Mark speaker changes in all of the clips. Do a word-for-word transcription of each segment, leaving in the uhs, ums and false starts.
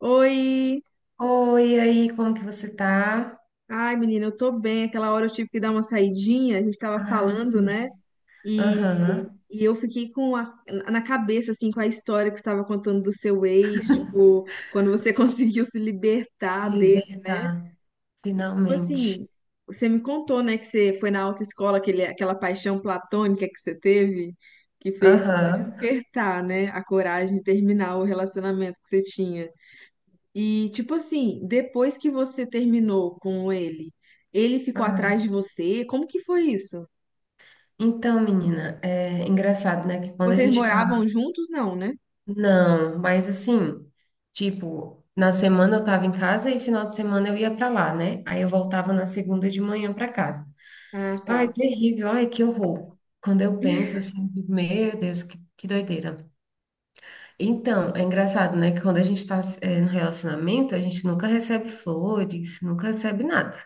Speaker 1: Oi!
Speaker 2: Oi, e aí, como que você tá?
Speaker 1: Ai, menina, eu tô bem. Aquela hora eu tive que dar uma saidinha, a gente tava
Speaker 2: Ah,
Speaker 1: falando,
Speaker 2: sim.
Speaker 1: né? E,
Speaker 2: Aham.
Speaker 1: e eu fiquei com a, na cabeça, assim, com a história que você estava contando do seu ex, tipo, quando você conseguiu se
Speaker 2: Se
Speaker 1: libertar dele, né?
Speaker 2: libertar,
Speaker 1: Tipo
Speaker 2: finalmente.
Speaker 1: assim, você me contou, né, que você foi na autoescola, aquele, aquela paixão platônica que você teve, que fez
Speaker 2: Aham.
Speaker 1: despertar, né, a coragem de terminar o relacionamento que você tinha. E, tipo assim, depois que você terminou com ele, ele ficou
Speaker 2: Ah.
Speaker 1: atrás de você? Como que foi isso?
Speaker 2: Então, menina, é engraçado, né? Que quando a
Speaker 1: Vocês
Speaker 2: gente tá.
Speaker 1: moravam juntos? Não, né?
Speaker 2: Não, mas assim, tipo, na semana eu tava em casa e final de semana eu ia pra lá, né? Aí eu voltava na segunda de manhã pra casa.
Speaker 1: Ah, tá.
Speaker 2: Ai, terrível, ai, que horror. Quando eu penso assim, meu Deus, que, que doideira. Então, é engraçado, né? Que quando a gente está no relacionamento, a gente nunca recebe flores, nunca recebe nada.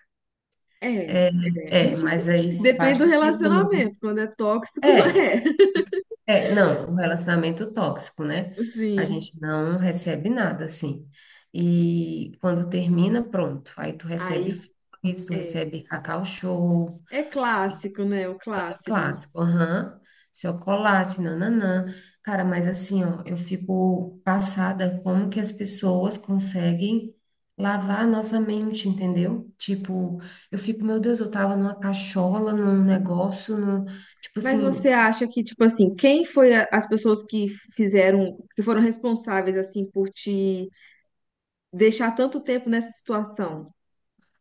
Speaker 1: É, é.
Speaker 2: É, mas aí
Speaker 1: Depende do
Speaker 2: basta terminar.
Speaker 1: relacionamento. Quando é tóxico,
Speaker 2: É,
Speaker 1: é.
Speaker 2: é, não, um relacionamento tóxico, né? A
Speaker 1: Sim.
Speaker 2: gente não recebe nada, assim. E quando termina, pronto. Aí tu recebe
Speaker 1: Aí,
Speaker 2: flores, tu
Speaker 1: é.
Speaker 2: recebe cacau show.
Speaker 1: É clássico, né? O clássico.
Speaker 2: Clássico, aham. Chocolate, nananã. Cara, mas assim, ó, eu fico passada como que as pessoas conseguem lavar a nossa mente, entendeu? Tipo, eu fico, meu Deus, eu tava numa cachola, num negócio, num, tipo
Speaker 1: Mas você
Speaker 2: assim.
Speaker 1: acha que, tipo assim, quem foi a- as pessoas que fizeram, que foram responsáveis, assim, por te deixar tanto tempo nessa situação?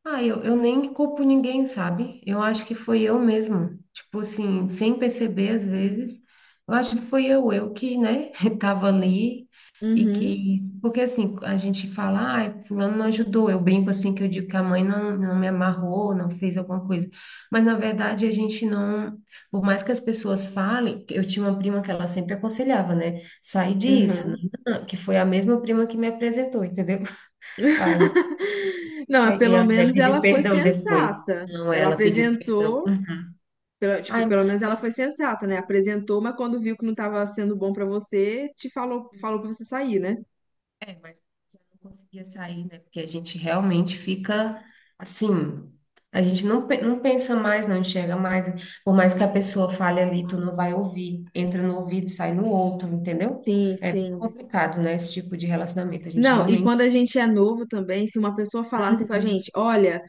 Speaker 2: Ah, eu, eu nem culpo ninguém, sabe? Eu acho que foi eu mesmo. Tipo assim, sem perceber às vezes, eu acho que foi eu, eu que, né, tava ali e
Speaker 1: Uhum,
Speaker 2: que. Porque assim, a gente fala, ah, fulano não ajudou. Eu brinco assim que eu digo que a mãe não, não me amarrou, não fez alguma coisa. Mas na verdade a gente não. Por mais que as pessoas falem, eu tinha uma prima que ela sempre aconselhava, né? Sai disso, não,
Speaker 1: uhum.
Speaker 2: não, não", que foi a mesma prima que me apresentou, entendeu? Ai,
Speaker 1: Não,
Speaker 2: ai, e
Speaker 1: pelo
Speaker 2: ela até
Speaker 1: menos ela
Speaker 2: pediu
Speaker 1: foi
Speaker 2: perdão depois.
Speaker 1: sensata.
Speaker 2: Não,
Speaker 1: Ela
Speaker 2: ela pediu perdão.
Speaker 1: apresentou,
Speaker 2: Uhum.
Speaker 1: pelo- tipo,
Speaker 2: Ai, mas
Speaker 1: pelo menos ela
Speaker 2: aí-
Speaker 1: foi sensata, né? Apresentou, mas quando viu que não estava sendo bom para você, te falou, falou para você sair, né?
Speaker 2: é, mas eu não conseguia sair, né? Porque a gente realmente fica assim. A gente não, pe- não pensa mais, não enxerga mais. Por mais que a pessoa fale ali, tu não vai ouvir. Entra no ouvido, sai no outro, entendeu?
Speaker 1: Sim,
Speaker 2: É bem
Speaker 1: sim.
Speaker 2: complicado, né? Esse tipo de relacionamento. A gente
Speaker 1: Não, e
Speaker 2: realmente
Speaker 1: quando a gente é novo também, se uma pessoa falasse com a gente, olha,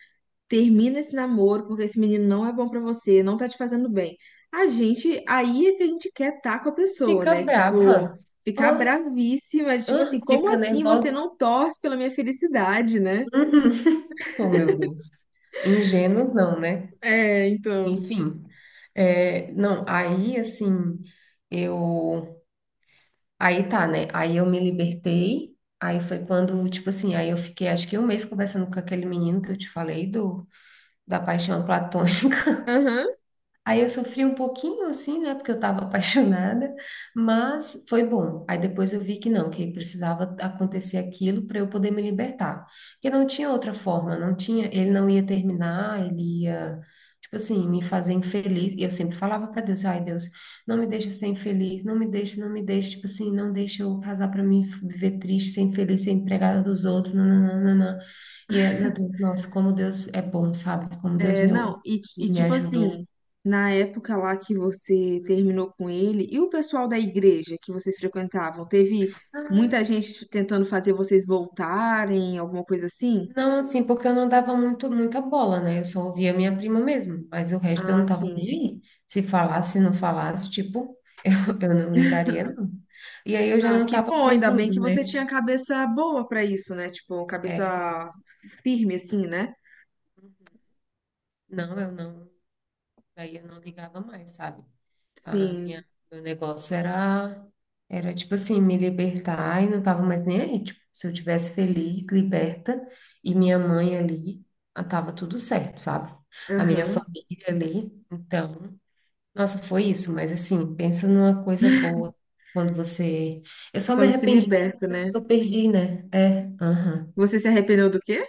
Speaker 1: termina esse namoro porque esse menino não é bom para você, não tá te fazendo bem. A gente, aí é que a gente quer estar com a pessoa,
Speaker 2: fica
Speaker 1: né? Tipo,
Speaker 2: brava.
Speaker 1: ficar
Speaker 2: Ah,
Speaker 1: bravíssima, tipo assim,
Speaker 2: ah,
Speaker 1: como
Speaker 2: fica
Speaker 1: assim você
Speaker 2: nervosa.
Speaker 1: não torce pela minha felicidade, né?
Speaker 2: Uhum. Oh, meu Deus. Ingênuos não, né?
Speaker 1: É, então.
Speaker 2: Enfim, é, não, aí assim, eu, aí tá, né, aí eu me libertei, aí foi quando, tipo assim, aí eu fiquei acho que um mês conversando com aquele menino que eu te falei do, da paixão platônica.
Speaker 1: Aham.
Speaker 2: Aí eu sofri um pouquinho assim, né, porque eu estava apaixonada, mas foi bom. Aí depois eu vi que não, que precisava acontecer aquilo para eu poder me libertar. Porque não tinha outra forma, não tinha, ele não ia terminar, ele ia, tipo assim, me fazer infeliz. E eu sempre falava para Deus, ai Deus, não me deixa ser infeliz, não me deixa, não me deixa, tipo assim, não deixa eu casar para mim viver triste, ser infeliz, ser empregada dos outros, nananana. E é, meu Deus, nossa, como Deus é bom, sabe? Como Deus
Speaker 1: É,
Speaker 2: me ouve
Speaker 1: não, e, e
Speaker 2: e me
Speaker 1: tipo
Speaker 2: ajudou.
Speaker 1: assim, na época lá que você terminou com ele, e o pessoal da igreja que vocês frequentavam, teve muita gente tentando fazer vocês voltarem, alguma coisa assim?
Speaker 2: Não, assim, porque eu não dava muito, muita bola, né? Eu só ouvia minha prima mesmo, mas o resto eu não
Speaker 1: Ah,
Speaker 2: tava nem
Speaker 1: sim.
Speaker 2: aí. Se falasse, não falasse, tipo, eu, eu não ligaria, não. E aí eu já
Speaker 1: Ah,
Speaker 2: não
Speaker 1: que
Speaker 2: tava
Speaker 1: bom,
Speaker 2: mais
Speaker 1: ainda bem
Speaker 2: indo,
Speaker 1: que
Speaker 2: né?
Speaker 1: você tinha cabeça boa pra isso, né? Tipo,
Speaker 2: É,
Speaker 1: cabeça firme assim, né?
Speaker 2: não, eu não, daí eu não ligava mais, sabe? A minha,
Speaker 1: Sim.
Speaker 2: meu negócio era, era tipo assim, me libertar e não tava mais nem aí. Tipo, se eu tivesse feliz, liberta, e minha mãe ali, ah, tava tudo certo, sabe? A minha
Speaker 1: Aham.
Speaker 2: família ali, então. Nossa, foi isso, mas assim, pensa numa coisa boa quando você. Eu só me
Speaker 1: Quando se
Speaker 2: arrependi
Speaker 1: liberta,
Speaker 2: dos anos
Speaker 1: né?
Speaker 2: que eu perdi, né? É, aham.
Speaker 1: Você se arrependeu do quê?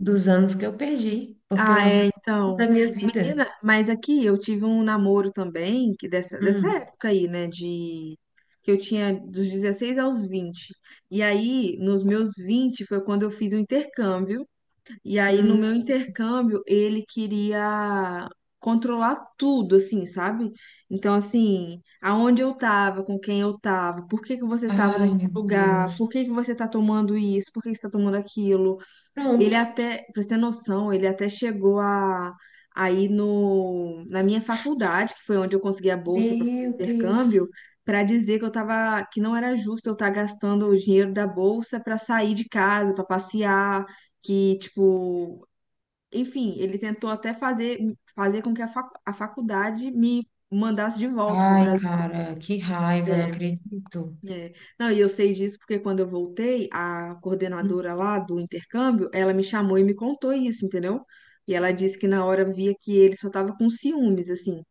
Speaker 2: Dos anos que eu perdi, porque eu
Speaker 1: Ah,
Speaker 2: não
Speaker 1: é,
Speaker 2: fiz
Speaker 1: então.
Speaker 2: nada da minha vida.
Speaker 1: Menina, mas aqui eu tive um namoro também, que dessa, dessa
Speaker 2: Hum,
Speaker 1: época aí, né, de... que eu tinha dos dezesseis aos vinte. E aí, nos meus vinte, foi quando eu fiz o intercâmbio. E aí, no
Speaker 2: hum.
Speaker 1: meu intercâmbio, ele queria controlar tudo, assim, sabe? Então, assim, aonde eu tava, com quem eu tava, por que que você tava
Speaker 2: Ai,
Speaker 1: naquele
Speaker 2: meu
Speaker 1: lugar, por
Speaker 2: Deus.
Speaker 1: que que você tá tomando isso, por que que você tá tomando aquilo. Ele
Speaker 2: Pronto.
Speaker 1: até, pra você ter noção, ele até chegou a, a ir no, na minha faculdade, que foi onde eu consegui a bolsa para fazer
Speaker 2: Meu Deus.
Speaker 1: intercâmbio, para dizer que eu tava, que não era justo eu estar gastando o dinheiro da bolsa para sair de casa, para passear, que tipo, enfim, ele tentou até fazer fazer com que a, fac, a faculdade me mandasse de volta para o
Speaker 2: Ai,
Speaker 1: Brasil.
Speaker 2: cara, que raiva, não
Speaker 1: É,
Speaker 2: acredito.
Speaker 1: é. Não, e eu sei disso porque quando eu voltei, a
Speaker 2: Hum,
Speaker 1: coordenadora lá do intercâmbio, ela me chamou e me contou isso, entendeu? E ela disse que na hora via que ele só tava com ciúmes, assim.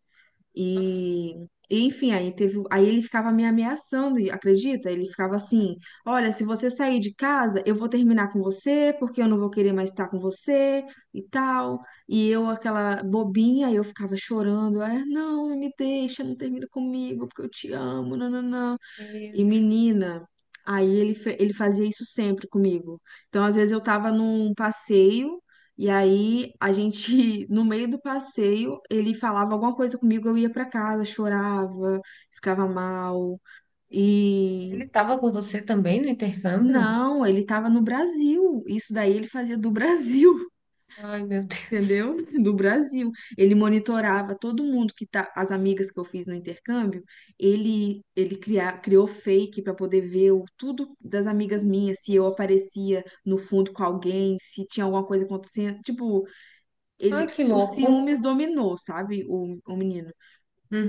Speaker 2: aham.
Speaker 1: E, e, Enfim, aí teve, aí ele ficava me ameaçando, e acredita? Ele ficava
Speaker 2: Ai,
Speaker 1: assim: "Olha, se você sair de casa, eu vou terminar com você, porque eu não vou querer mais estar com você" e tal. E eu aquela bobinha, eu ficava chorando, é, não, não me deixa, não termina comigo, porque eu te amo, não, não, não.
Speaker 2: meu
Speaker 1: E
Speaker 2: Deus.
Speaker 1: menina, aí ele, fe- ele fazia isso sempre comigo. Então, às vezes eu tava num passeio e aí a gente, no meio do passeio, ele falava alguma coisa comigo, eu ia pra casa, chorava, ficava mal. E
Speaker 2: Ele estava com você também no intercâmbio?
Speaker 1: não, ele tava no Brasil. Isso daí ele fazia do Brasil.
Speaker 2: Ai, meu Deus.
Speaker 1: Entendeu? Do Brasil. Ele monitorava todo mundo que tá, as amigas que eu fiz no intercâmbio, ele ele criar, criou fake para poder ver o, tudo das amigas minhas, se eu aparecia no fundo com alguém, se tinha alguma coisa acontecendo, tipo,
Speaker 2: Ai,
Speaker 1: ele
Speaker 2: que
Speaker 1: os
Speaker 2: louco.
Speaker 1: ciúmes dominou, sabe, o, o menino.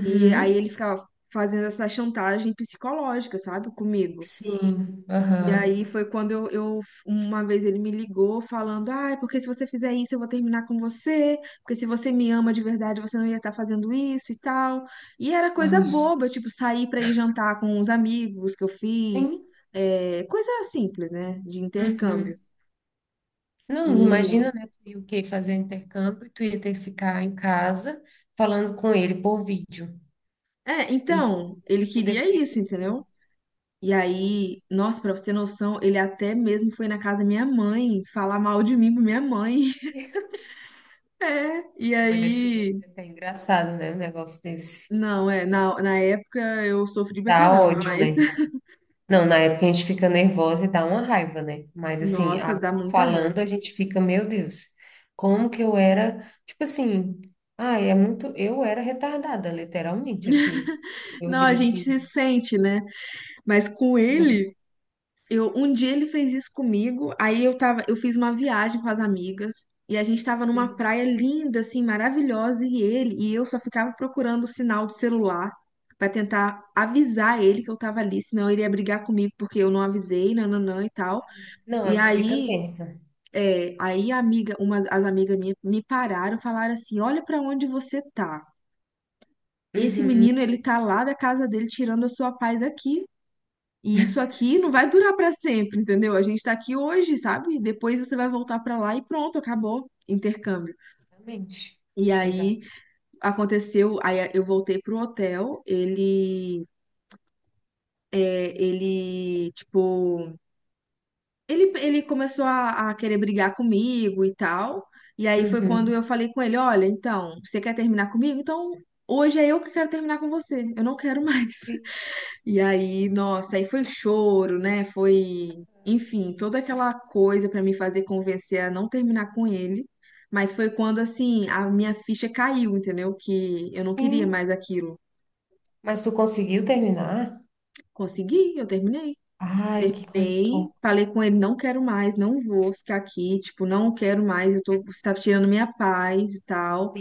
Speaker 1: E aí ele ficava fazendo essa chantagem psicológica, sabe, comigo.
Speaker 2: Sim,
Speaker 1: E
Speaker 2: aham.
Speaker 1: aí foi quando eu, eu- uma vez ele me ligou falando, ai, porque se você fizer isso, eu vou terminar com você, porque se você me ama de verdade, você não ia estar fazendo isso e tal. E era coisa
Speaker 2: Ah,
Speaker 1: boba, tipo, sair pra ir jantar com os amigos que eu fiz,
Speaker 2: sim.
Speaker 1: é, coisa simples, né, de intercâmbio.
Speaker 2: Uhum. Não,
Speaker 1: E,
Speaker 2: imagina, né? Tu ia o que fazer o intercâmbio, tu ia ter que ficar em casa falando com ele por vídeo.
Speaker 1: é,
Speaker 2: Ele
Speaker 1: então,
Speaker 2: não
Speaker 1: ele
Speaker 2: ia
Speaker 1: queria
Speaker 2: poder
Speaker 1: isso,
Speaker 2: conhecer
Speaker 1: entendeu?
Speaker 2: ele.
Speaker 1: E
Speaker 2: Ai,
Speaker 1: aí, nossa, pra você ter noção, ele até mesmo foi na casa da minha mãe falar mal de mim pra minha mãe. É, e
Speaker 2: olha, chega a
Speaker 1: aí
Speaker 2: ser até engraçado, né? Um negócio desse.
Speaker 1: não, é, na, na época eu sofri pra
Speaker 2: Dá
Speaker 1: caramba,
Speaker 2: ódio,
Speaker 1: mas
Speaker 2: né? Não, na época a gente fica nervosa e dá uma raiva, né? Mas assim,
Speaker 1: nossa,
Speaker 2: a-
Speaker 1: dá muita
Speaker 2: falando
Speaker 1: raiva.
Speaker 2: a gente fica, meu Deus, como que eu era, tipo assim, ai, é muito, eu era retardada, literalmente, assim. Eu
Speaker 1: Não, a
Speaker 2: digo
Speaker 1: gente
Speaker 2: assim,
Speaker 1: se sente, né? Mas com
Speaker 2: ai,
Speaker 1: ele, eu um dia ele fez isso comigo, aí eu tava, eu fiz uma viagem com as amigas e a gente tava numa
Speaker 2: uhum,
Speaker 1: praia linda assim, maravilhosa e ele e eu só ficava procurando o sinal de celular pra tentar avisar ele que eu tava ali, senão ele ia brigar comigo porque eu não avisei, nananã e tal.
Speaker 2: não,
Speaker 1: E
Speaker 2: aí tu fica
Speaker 1: aí
Speaker 2: tensa.
Speaker 1: é, aí a amiga, umas, as amigas minhas me pararam, falaram assim: "Olha pra onde você tá. Esse
Speaker 2: Uhum,
Speaker 1: menino, ele tá lá da casa dele tirando a sua paz aqui. E isso aqui não vai durar pra sempre, entendeu? A gente tá aqui hoje, sabe? Depois você vai voltar pra lá e pronto, acabou. Intercâmbio."
Speaker 2: exatamente.
Speaker 1: E
Speaker 2: Exato.
Speaker 1: aí aconteceu, aí eu voltei pro hotel, ele é, ele tipo Ele, ele começou a, a querer brigar comigo e tal. E aí foi quando eu
Speaker 2: Uhum.
Speaker 1: falei com ele: "Olha, então, você quer terminar comigo? Então, hoje é eu que quero terminar com você. Eu não quero mais."
Speaker 2: E-
Speaker 1: E aí, nossa, aí foi choro, né? Foi, enfim, toda aquela coisa pra me fazer convencer a não terminar com ele. Mas foi quando, assim, a minha ficha caiu, entendeu? Que eu não queria
Speaker 2: sim,
Speaker 1: mais aquilo.
Speaker 2: mas tu conseguiu terminar?
Speaker 1: Consegui, eu terminei.
Speaker 2: Ai, que coisa
Speaker 1: Terminei,
Speaker 2: boa.
Speaker 1: falei com ele, não quero mais, não vou ficar aqui, tipo, não quero mais, eu tô, você tá tirando minha paz e tal.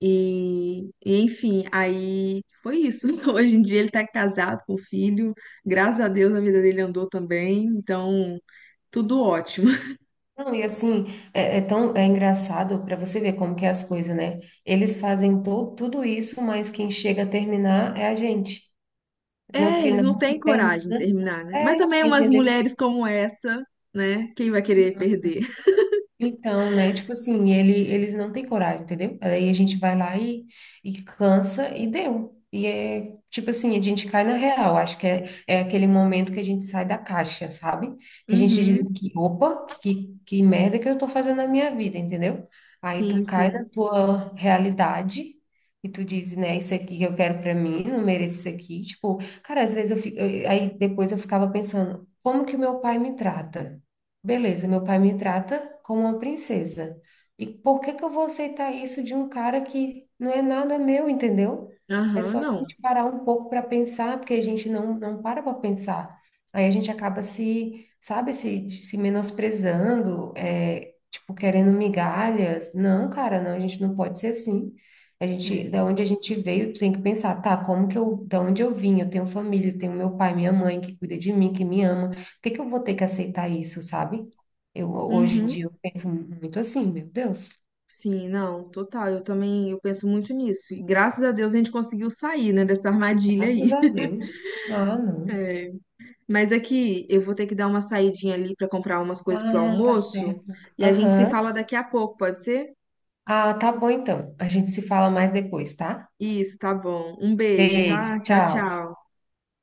Speaker 1: E, e, enfim, aí foi isso. Hoje em dia ele tá casado com filho, graças a Deus a vida dele andou também, então tudo ótimo.
Speaker 2: Não, e assim, é, é tão é engraçado para você ver como que é as coisas, né? Eles fazem to, tudo isso, mas quem chega a terminar é a gente. No
Speaker 1: É, eles
Speaker 2: final,
Speaker 1: não
Speaker 2: quem
Speaker 1: têm coragem de
Speaker 2: termina
Speaker 1: terminar, né? Mas
Speaker 2: é,
Speaker 1: também umas
Speaker 2: entendeu?
Speaker 1: mulheres como essa, né? Quem vai querer perder?
Speaker 2: Então, né? Tipo assim, ele, eles não têm coragem, entendeu? Aí a gente vai lá e, e cansa e deu. E é tipo assim, a gente cai na real. Acho que é, é aquele momento que a gente sai da caixa, sabe? Que a gente diz
Speaker 1: Uhum,
Speaker 2: assim que, opa, que, que merda que eu tô fazendo na minha vida, entendeu? Aí tu
Speaker 1: sim,
Speaker 2: cai
Speaker 1: sim.
Speaker 2: na tua realidade e tu diz, né, isso aqui que eu quero pra mim, não mereço isso aqui. Tipo, cara, às vezes eu fico, eu- aí depois eu ficava pensando, como que o meu pai me trata? Beleza, meu pai me trata como uma princesa. E por que que eu vou aceitar isso de um cara que não é nada meu, entendeu? É
Speaker 1: Aham,
Speaker 2: só a
Speaker 1: não.
Speaker 2: gente parar um pouco para pensar, porque a gente não, não para para pensar. Aí a gente acaba se, sabe, se, se menosprezando, é, tipo, querendo migalhas. Não, cara, não, a gente não pode ser assim. A gente,
Speaker 1: É.
Speaker 2: da onde a gente veio, tem que pensar, tá, como que eu, da onde eu vim? Eu tenho família, eu tenho meu pai, minha mãe que cuida de mim, que me ama que que eu vou ter que aceitar isso, sabe? Eu, hoje em
Speaker 1: Uhum.
Speaker 2: dia, eu penso muito assim, meu Deus,
Speaker 1: Sim, não, total. Eu também, eu penso muito nisso. E graças a Deus a gente conseguiu sair, né, dessa armadilha
Speaker 2: graças
Speaker 1: aí.
Speaker 2: a Deus. Ah, não.
Speaker 1: É. Mas aqui eu vou ter que dar uma saidinha ali para comprar umas coisas pro
Speaker 2: Ah, tá
Speaker 1: almoço
Speaker 2: certo.
Speaker 1: e a gente se
Speaker 2: Aham.
Speaker 1: fala daqui a pouco, pode ser?
Speaker 2: Ah, tá bom então. A gente se fala mais depois, tá?
Speaker 1: Isso, tá bom. Um beijo,
Speaker 2: Beijo,
Speaker 1: tá? Tchau,
Speaker 2: tchau.
Speaker 1: tchau.